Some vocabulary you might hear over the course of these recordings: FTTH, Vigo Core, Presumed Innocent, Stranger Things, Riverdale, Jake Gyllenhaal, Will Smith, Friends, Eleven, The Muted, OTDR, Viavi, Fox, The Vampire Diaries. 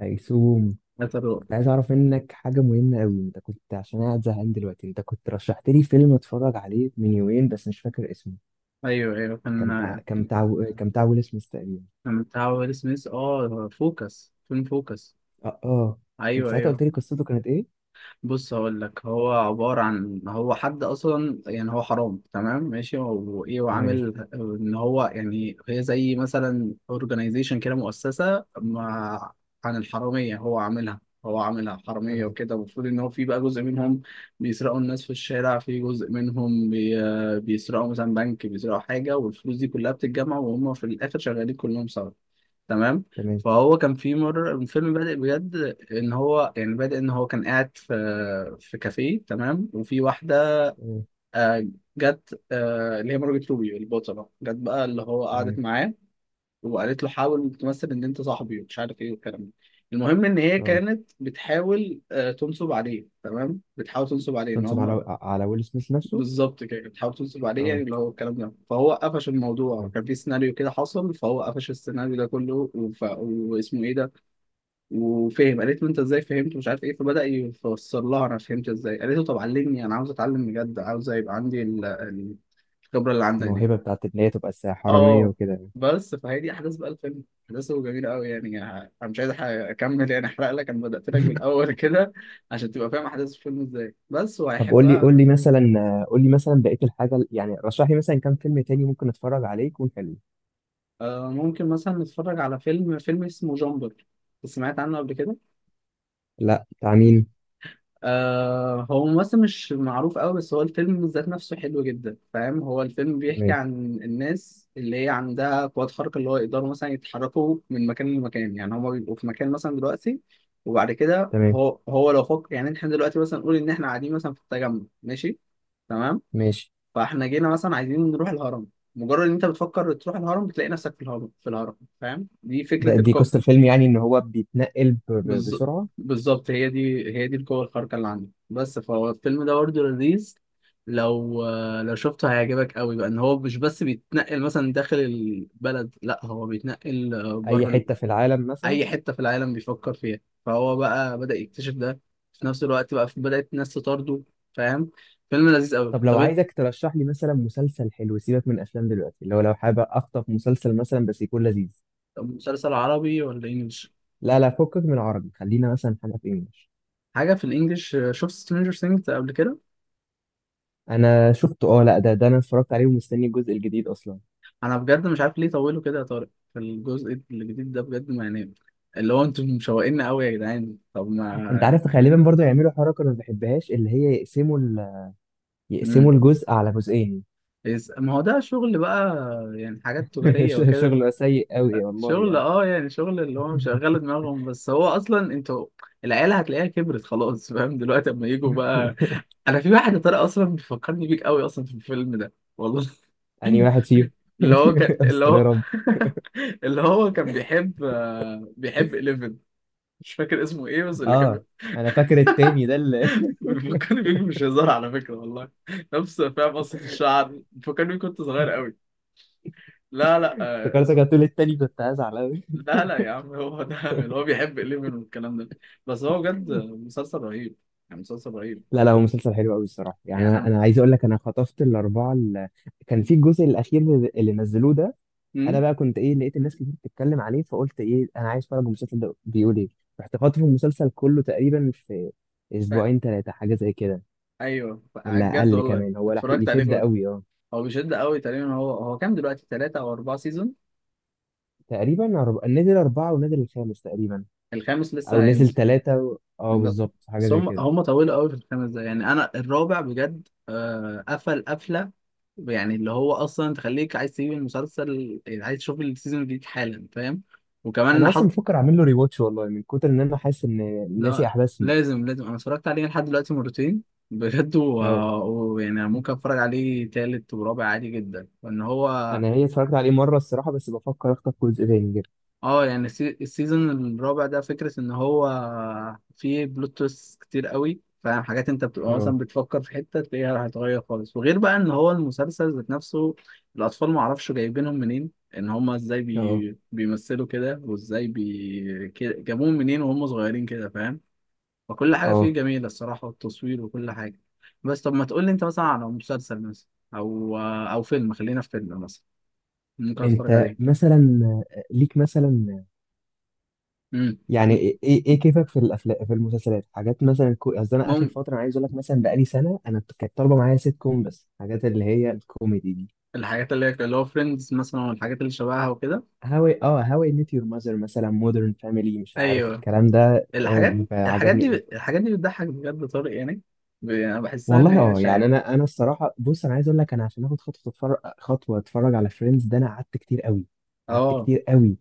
هيسوم، هترو. كنت عايز اعرف منك حاجه مهمه قوي. انت كنت، عشان أنا قاعد زهقان دلوقتي، انت كنت رشحت لي فيلم اتفرج عليه من يومين بس مش فاكر اسمه. ايوه, ايوه, كان بتاع كان كان بتاع كان بتاع ويل سميث تقريبا. كان بتاع ويل سميث. اه فوكس, فيلم فوكس. اه اه. انت ايوه, ساعتها ايوه. قلت لي قصته كانت ايه؟ بص هقول لك. هو عبارة عن, هو حد أصلا يعني هو حرام, تمام, ماشي, وإيه, تمام. وعامل إن هو يعني هي زي مثلا أورجنايزيشن كده, مؤسسة مع عن الحرامية. هو عاملها حرامية تمام. وكده. المفروض إن هو في بقى جزء منهم بيسرقوا الناس في الشارع, في جزء منهم بيسرقوا مثلا بنك, بيسرقوا حاجة, والفلوس دي كلها بتتجمع, وهم في الآخر شغالين كلهم سوا. تمام. تمام. فهو كان في مرة الفيلم بادئ بجد ان هو يعني بادئ ان هو كان قاعد في كافيه, تمام, وفي واحدة تمام. آه، جت, اللي هي مارجت روبي البطلة, جت بقى اللي هو قعدت تمام. معاه وقالت له حاول تمثل ان انت صاحبي ومش عارف ايه والكلام ده. المهم ان هي اه، كانت بتحاول, تنصب عليه, تمام, بتحاول تنصب عليه ان تنصب على هم. ويل سميث نفسه. بالظبط كده, كانت بتحاول تنصب عليه يعني, اه. اللي هو الكلام ده. فهو قفش الموضوع, تمام. كان في سيناريو كده حصل, فهو قفش السيناريو ده كله وف... واسمه ايه ده وفهم. قالت له انت ازاي فهمت, مش عارف ايه, فبدأ يفسر لها انا فهمت ازاي. قالت له طب علمني, انا عاوز اتعلم بجد, عاوز يبقى عندي الخبرة اللي عندك دي. الموهبه بتاعت ان هي تبقى حراميه اه, وكده يعني. بس فهي دي احداث بقى الفيلم. احداثه جميلة قوي يعني. انا مش عايز اكمل يعني, احرق لك, انا بدأت لك بالاول كده عشان تبقى فاهم احداث الفيلم ازاي بس, طب قول لي وهيحبها. قول لي مثلا، قول لي مثلا بقيه الحاجه، يعني رشح لي مثلا كام فيلم تاني ممكن اتفرج عليه يكون حلو. آه, ممكن مثلا نتفرج على فيلم, فيلم اسمه جامبر. سمعت عنه قبل كده؟ لا، بتاع مين؟ آه, هو ممثل مش معروف قوي, بس هو الفيلم ذات نفسه حلو جدا, فاهم؟ هو الفيلم بيحكي تمام. عن الناس اللي هي عندها قوات خارقة, اللي هو يقدروا مثلا يتحركوا من مكان لمكان. يعني هما بيبقوا في مكان مثلا دلوقتي, وبعد كده تمام. هو لو فكر, يعني احنا دلوقتي مثلا نقول ان احنا قاعدين مثلا في التجمع, ماشي, تمام, ماشي. فاحنا جينا مثلا عايزين نروح الهرم, مجرد ان انت بتفكر تروح الهرم بتلاقي نفسك في الهرم, في الهرم. فاهم دي فكرة؟ دي قصة الفيلم يعني، ان هو بيتنقل بالظ- بسرعة. بالظبط, هي دي القوة الخارقة اللي عندي, بس. فهو الفيلم ده برضه لذيذ. لو لو شفته هيعجبك قوي. بقى ان هو مش بس بيتنقل مثلا داخل البلد, لا, هو بيتنقل اي بره ال- حتة في العالم مثلا. اي حتة في العالم بيفكر فيها. فهو بقى بدأ يكتشف ده, في نفس الوقت بقى بدأت الناس تطارده, فاهم؟ فيلم لذيذ قوي. طب لو طب عايزك ترشح لي مثلا مسلسل حلو، سيبك من افلام دلوقتي، اللي هو لو حابب اخطف مسلسل مثلا بس يكون لذيذ. طب مسلسل عربي ولا انجلش؟ لا لا، فكك من عربي، خلينا مثلا حاجة في انجلش. حاجة في الانجليش. شفت سترينجر ثينجز قبل كده؟ انا شفته، اه. لا، ده انا اتفرجت عليه ومستني الجزء الجديد اصلا. انا بجد مش عارف ليه طولوا كده يا طارق في الجزء الجديد ده بجد, ما يعني, اللي هو انتم مشوقين قوي يا جدعان. طب انت ما عارف غالبا برضه يعملوا حركة انا ما بحبهاش، اللي هي يقسموا يقسموا امم الجزء على جزئين. ما هو ده شغل بقى, يعني حاجات تجارية وكده. شغل سيء قوي والله شغل, يعني. اه, يعني شغل اللي هو شغال دماغهم بس. هو اصلا انتوا العيله هتلاقيها كبرت خلاص, فاهم, دلوقتي اما يجوا بقى. انا في واحد يا طارق اصلا بيفكرني بيك قوي اصلا في الفيلم ده والله. أنهي واحد فيهم؟ اللي هو كان, اللي استر يا هو رب. اللي هو كان بيحب, بيحب 11. مش فاكر اسمه ايه, بس اللي كان اه، انا فاكر التاني ده اللي بيفكرني بيك, مش هزار على فكرة والله. نفس, فاهم, قصة الشعر بيفكرني بيك كنت صغير قوي. لا لا, آه, افتكرتك اسمه, هتقول التاني، كنت هزعل قوي. لا لا يا عم, هو ده اللي هو بيحب إليفن والكلام ده. بس هو بجد مسلسل رهيب, يعني مسلسل رهيب. لا لا، هو مسلسل حلو قوي الصراحه يعني يعني. أنا, انا عايز اقول لك، انا خطفت الاربعه اللي كان في الجزء الاخير اللي نزلوه ده. انا أمم؟ بقى كنت ايه، لقيت الناس كتير بتتكلم عليه، فقلت ايه انا عايز اتفرج المسلسل ده بيقول ايه. رحت خاطف المسلسل كله تقريبا في أ- اسبوعين ثلاثه، حاجه زي كده. أيوه, ولا بجد اقل والله كمان، هو لحق اتفرجت عليه يشد كله. قوي اه. هو بيشد قوي. تقريبا هو, هو كام دلوقتي, ثلاثة أو أربعة سيزون؟ تقريبا نزل اربعه ونزل الخامس تقريبا. الخامس او لسه نزل هينزل. ثلاثه و... اه ب- بالظبط، حاجه بس زي هم كده. هم طولوا قوي في الخمس دقايق. يعني انا الرابع بجد قفل قفله, يعني اللي هو اصلا تخليك عايز تسيب المسلسل, يعني عايز تشوف السيزون الجديد حالا, فاهم؟ وكمان انا اصلا حط. بفكر اعمل له ريواتش والله، من كتر ان انا حاسس ان لا, ناسي احداث فيه. لازم, لازم, انا اتفرجت عليه لحد دلوقتي مرتين, بجد, اه. ويعني ممكن اتفرج عليه تالت ورابع عادي جدا, وان هو. انا هي اتفرجت عليه مره الصراحه، بس بفكر اخطف جزء تاني كده. اه, يعني السيزون الرابع ده فكرة ان هو فيه بلوت تويست كتير قوي, فاهم, حاجات انت بتبقى اه. مثلا بتفكر في حتة تلاقيها هتتغير خالص. وغير بقى ان هو المسلسل ذات نفسه الاطفال معرفش جايبينهم منين, ان هما ازاي اه. بيمثلوا كده, وازاي جابوهم منين وهم صغيرين كده, فاهم؟ فكل حاجة فيه اه. جميلة, الصراحة, والتصوير وكل حاجة. بس طب ما تقول لي انت مثلا على مسلسل مثلا, او او فيلم, خلينا في فيلم مثلا ممكن اتفرج انت عليه. مثلا، ليك مثلا، يعني ايه إيه كيفك في الافلام، في المسلسلات؟ حاجات مثلا قصدي انا اخر امم. فتره، انا عايز اقول لك مثلا بقالي سنه انا كانت طالبه معايا سيت كوم، بس حاجات اللي هي الكوميدي دي. الحاجات اللي هي اللي هو فريندز مثلا والحاجات اللي شبهها وكده. هاوي، اه، هاوي ميت يور ماذر مثلا، مودرن فاميلي، مش عارف ايوه, الكلام ده هو الحاجات, بيبقى الحاجات عجبني دي أوي. الحاجات دي بتضحك بجد يا طارق, يعني, انا بحسها ان والله هي, اه يعني، شايف. انا الصراحه بص، انا عايز اقول لك، انا عشان اخد خطوه اتفرج، خطوه اتفرج على فريندز ده، انا قعدت كتير قوي. قعدت اه, كتير قوي.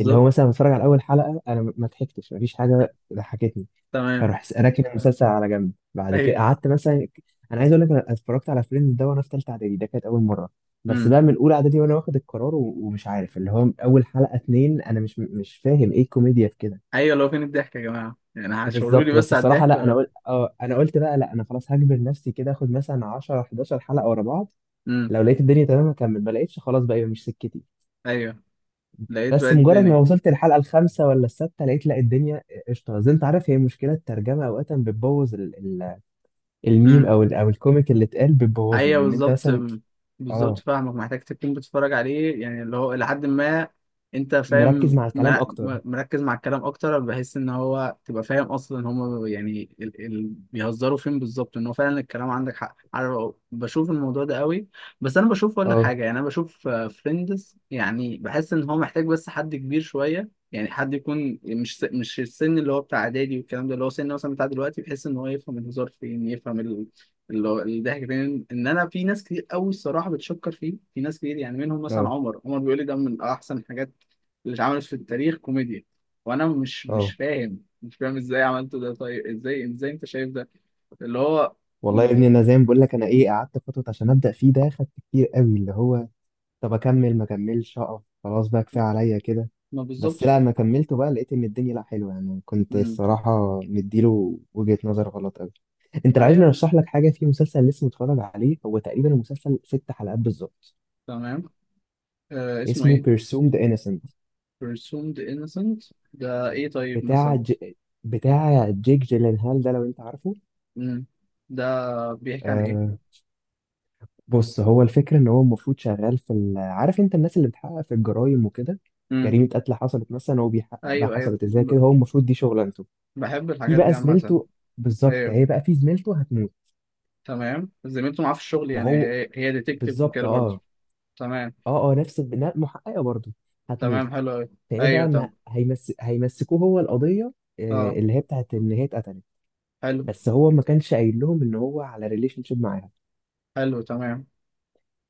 اللي هو مثلا بتفرج على اول حلقه، انا ما ضحكتش، مفيش حاجه ضحكتني. تمام. فاروح راكن المسلسل على جنب. بعد كده ايوه. قعدت مثلا، انا عايز اقول لك، انا اتفرجت على فريندز ده وانا في ثالثه اعدادي، ده كانت اول مره. بس امم. بقى من اولى اعدادي وانا واخد القرار ومش عارف، اللي هو اول حلقه اتنين انا مش فاهم ايه الكوميديا في كده. ايوه, لو فين الضحك يا جماعه يعني, هشاوروا لي بالظبط. بس بس على الصراحه الضحك لا، انا ولا. قلت اه، انا قلت بقى لا، انا خلاص هجبر نفسي كده، اخد مثلا 10 11 حلقه ورا بعض. امم. لو لقيت الدنيا تمام هكمل، ما لقيتش خلاص بقى يبقى مش سكتي. ايوه, لقيت بقى بس مجرد ما الدنيا. وصلت الحلقه الخامسه ولا السادسه، لقيت لا، الدنيا قشطه. زي انت عارف، هي مشكله الترجمه اوقات بتبوظ ال- الميم، او او الكوميك اللي اتقال بتبوظه، ايوه, لان انت بالظبط. مثلا بالظبط, اه، فاهمك, محتاج تكون بتتفرج عليه يعني اللي هو لحد ما انت فاهم, مركز مع الكلام اكتر. مركز مع الكلام اكتر, بحيث ان هو تبقى فاهم اصلا هم يعني بيهزروا فين بالظبط. ان هو فعلا الكلام عندك حق, عارف, بشوف الموضوع ده قوي. بس انا بشوف, اقول لك اه. حاجه, يعني انا بشوف فريندز يعني بحس ان هو محتاج بس حد كبير شويه, يعني حد يكون مش السن اللي هو بتاع اعدادي والكلام ده, اللي هو سن مثلا بتاع دلوقتي, بحيث ان هو يفهم الهزار فين, يفهم اللي هو الضحك فين. ان انا في ناس كتير قوي الصراحه بتشكر فيه, في ناس كتير يعني, منهم مثلا اه. عمر بيقول لي ده من احسن الحاجات اللي اتعملت في التاريخ كوميديا, وانا مش اه. فاهم, مش فاهم ازاي عملته ده. طيب ازاي, ازاي انت شايف ده اللي هو؟ والله يا ابني، انا زي ما بقول لك، انا ايه، قعدت فتره عشان ابدا فيه، ده خدت كتير قوي اللي هو، طب اكمل ما اكملش، اقف خلاص بقى كفايه عليا كده. ما بالظبط. بس لا، لما كملته بقى لقيت ان الدنيا لا حلوه يعني، كنت امم. الصراحه مديله وجهه نظر غلط قوي. انت لو عايزني ايوه, ارشح لك حاجه في مسلسل لسه متفرج عليه، هو تقريبا المسلسل ست حلقات بالظبط. تمام, آه اسمه اسمه ايه؟ Presumed Innocent. Presumed Innocent ده ايه طيب بتاع مثلا؟ بتاع جيك جيلنهال ده، لو انت عارفه. امم, ده بيحكي عن ايه؟ آه، بص، هو الفكره ان هو المفروض شغال في ال... عارف انت الناس اللي بتحقق في الجرايم وكده. امم. جريمه قتل حصلت مثلا، هو بيحقق بقى ايوه, ايوه, حصلت ازاي كده، هو المفروض دي شغلانته. بحب في الحاجات دي بقى عامه. زميلته. بالظبط، ايوه, هي بقى في زميلته هتموت. تمام, زميلته معاه في الشغل يعني, وهو، هي, هي ديتكتيف بالظبط وكده برضه. اه. تمام. اه اه، نفس البناء، محققه برضه، تمام, هتموت. حلو أوي. فايه أيوه, بقى، ما تمام. هيمسكوه هو القضيه، أه, آه، اللي هي بتاعت ان هي اتقتلت. حلو. بس هو ما كانش قايل لهم ان هو على ريليشن شيب معاها. حلو, تمام.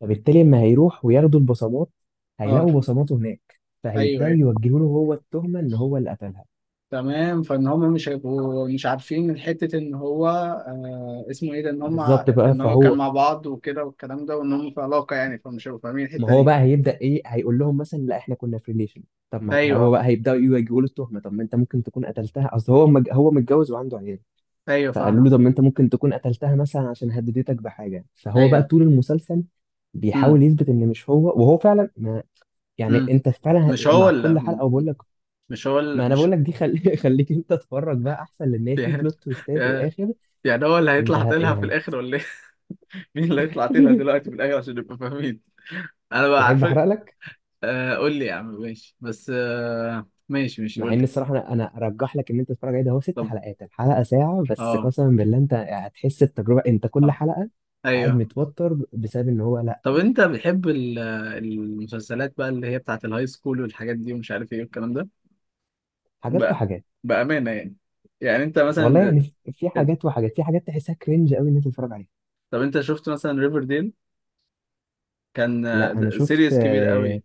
فبالتالي اما هيروح وياخدوا البصمات، أه. هيلاقوا بصماته هناك، أيوه, فهيبداوا أيوه, يوجهوا له هو التهمه ان هو اللي قتلها. تمام. فإن هما مش هيبقوا, مش عارفين من حتة إن هو, آه, اسمه إيه ده, إن هما, بالظبط بقى. إن هو كان فهو، مع بعض وكده والكلام ده, وإن هما في علاقة يعني, فمش هيبقوا فاهمين ما الحتة هو دي. بقى هيبدأ ايه، هيقول لهم مثلا لا، احنا كنا في ريليشن. طب ما هو أيوه, بقى هيبدأوا يواجهوا له التهمة، طب ما انت ممكن تكون قتلتها، اصل هو هو متجوز وعنده عيال. أيوه, فقالوا له طب فاهمك. ما انت ممكن تكون قتلتها مثلا عشان هددتك بحاجة. فهو بقى أيوه. طول المسلسل أمم. بيحاول يثبت ان مش هو، وهو فعلا ما، يعني أمم, انت فعلا مش هو مع اللي, كل حلقة وبقول لك، مش هو اللي ما انا مش بقول لك دي خليك انت تتفرج بقى احسن، لان هي في بلوت تويستات في الاخر. يعني هو اللي انت هيطلع طلها في يعني الآخر ولا إيه؟ مين اللي هيطلع تلها دلوقتي في الاخر عشان نبقى فاهمين؟ انا بقى تحب عارفك. احرق لك؟ آه, قول لي يا عم ماشي, بس آه, ماشي, ماشي, مع قول ان لي. الصراحه، انا ارجح لك ان انت تتفرج عليه، ده هو ست طب, حلقات، الحلقه ساعه، بس اه, قسما بالله انت هتحس التجربه، انت كل اه, حلقه قاعد ايوه. متوتر بسبب ان هو لا طب انت بتحب المسلسلات بقى اللي هي بتاعت الهاي سكول والحاجات دي ومش عارف ايه والكلام ده حاجات بقى, وحاجات. بأمانة يعني, يعني انت والله مثلا. يعني، في آه، حاجات وحاجات، في حاجات تحسها كرنج قوي ان انت تتفرج عليها. طب انت شفت مثلا ريفرديل؟ كان لا انا شفت، سيريس كبير آه، قوي.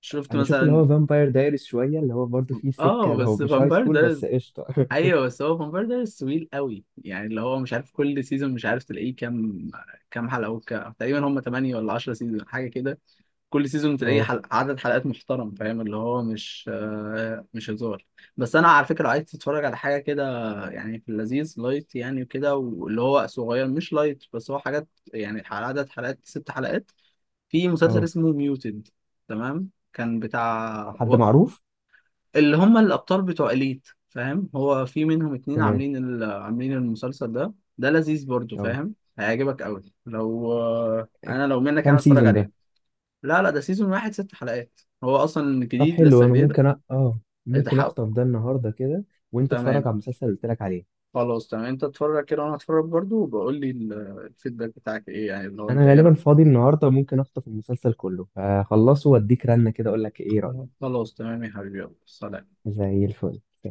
شفت انا شفت اللي مثلا. هو فامباير دايريز شويه، اللي هو برضه فيه سكه، اه, هو بس مش هاي فامباير سكول ده, بس قشطه. ايوه, بس هو فامباير دايريز طويل قوي يعني, اللي هو مش عارف كل سيزون مش عارف تلاقيه كام, كام حلقه, تقريبا هم 8 ولا 10 سيزون حاجه كده. كل سيزون تلاقيه اه. عدد حلقات محترم, فاهم, اللي هو مش, مش هزار. بس انا على فكره لو عايز تتفرج على حاجه كده, يعني في اللذيذ لايت يعني وكده, واللي هو صغير مش لايت, بس هو حاجات, يعني عدد حلقات ست حلقات. في مسلسل اه. اسمه ميوتد. تمام, كان بتاع حد معروف؟ اللي هم الابطال بتوع اليت, فاهم, هو في منهم اتنين تمام. عاملين عاملين المسلسل ده. ده لذيذ برضو, اه. فاهم, هيعجبك قوي لو, انا لو منك انا كام اتفرج سيزون عليه. ده؟ لا لا, ده سيزون واحد, ست حلقات, هو اصلا طب جديد, حلو، لسه انا جديد. ممكن اه، ممكن اتحقق. اخطف ده النهارده كده، وانت اتفرج تمام, على المسلسل اللي قلت لك عليه. خلاص تمام, انت اتفرج كده وانا اتفرج برضو, وبقول لي الفيدباك بتاعك ايه يعني, اللي هو انت انا ايه غالبا رأيك. فاضي النهارده، ممكن اخطف المسلسل كله، هخلصه واديك رنه كده اقول لك ايه رايك. خلاص, تمام يا حبيبي, يلا سلام. زي الفل.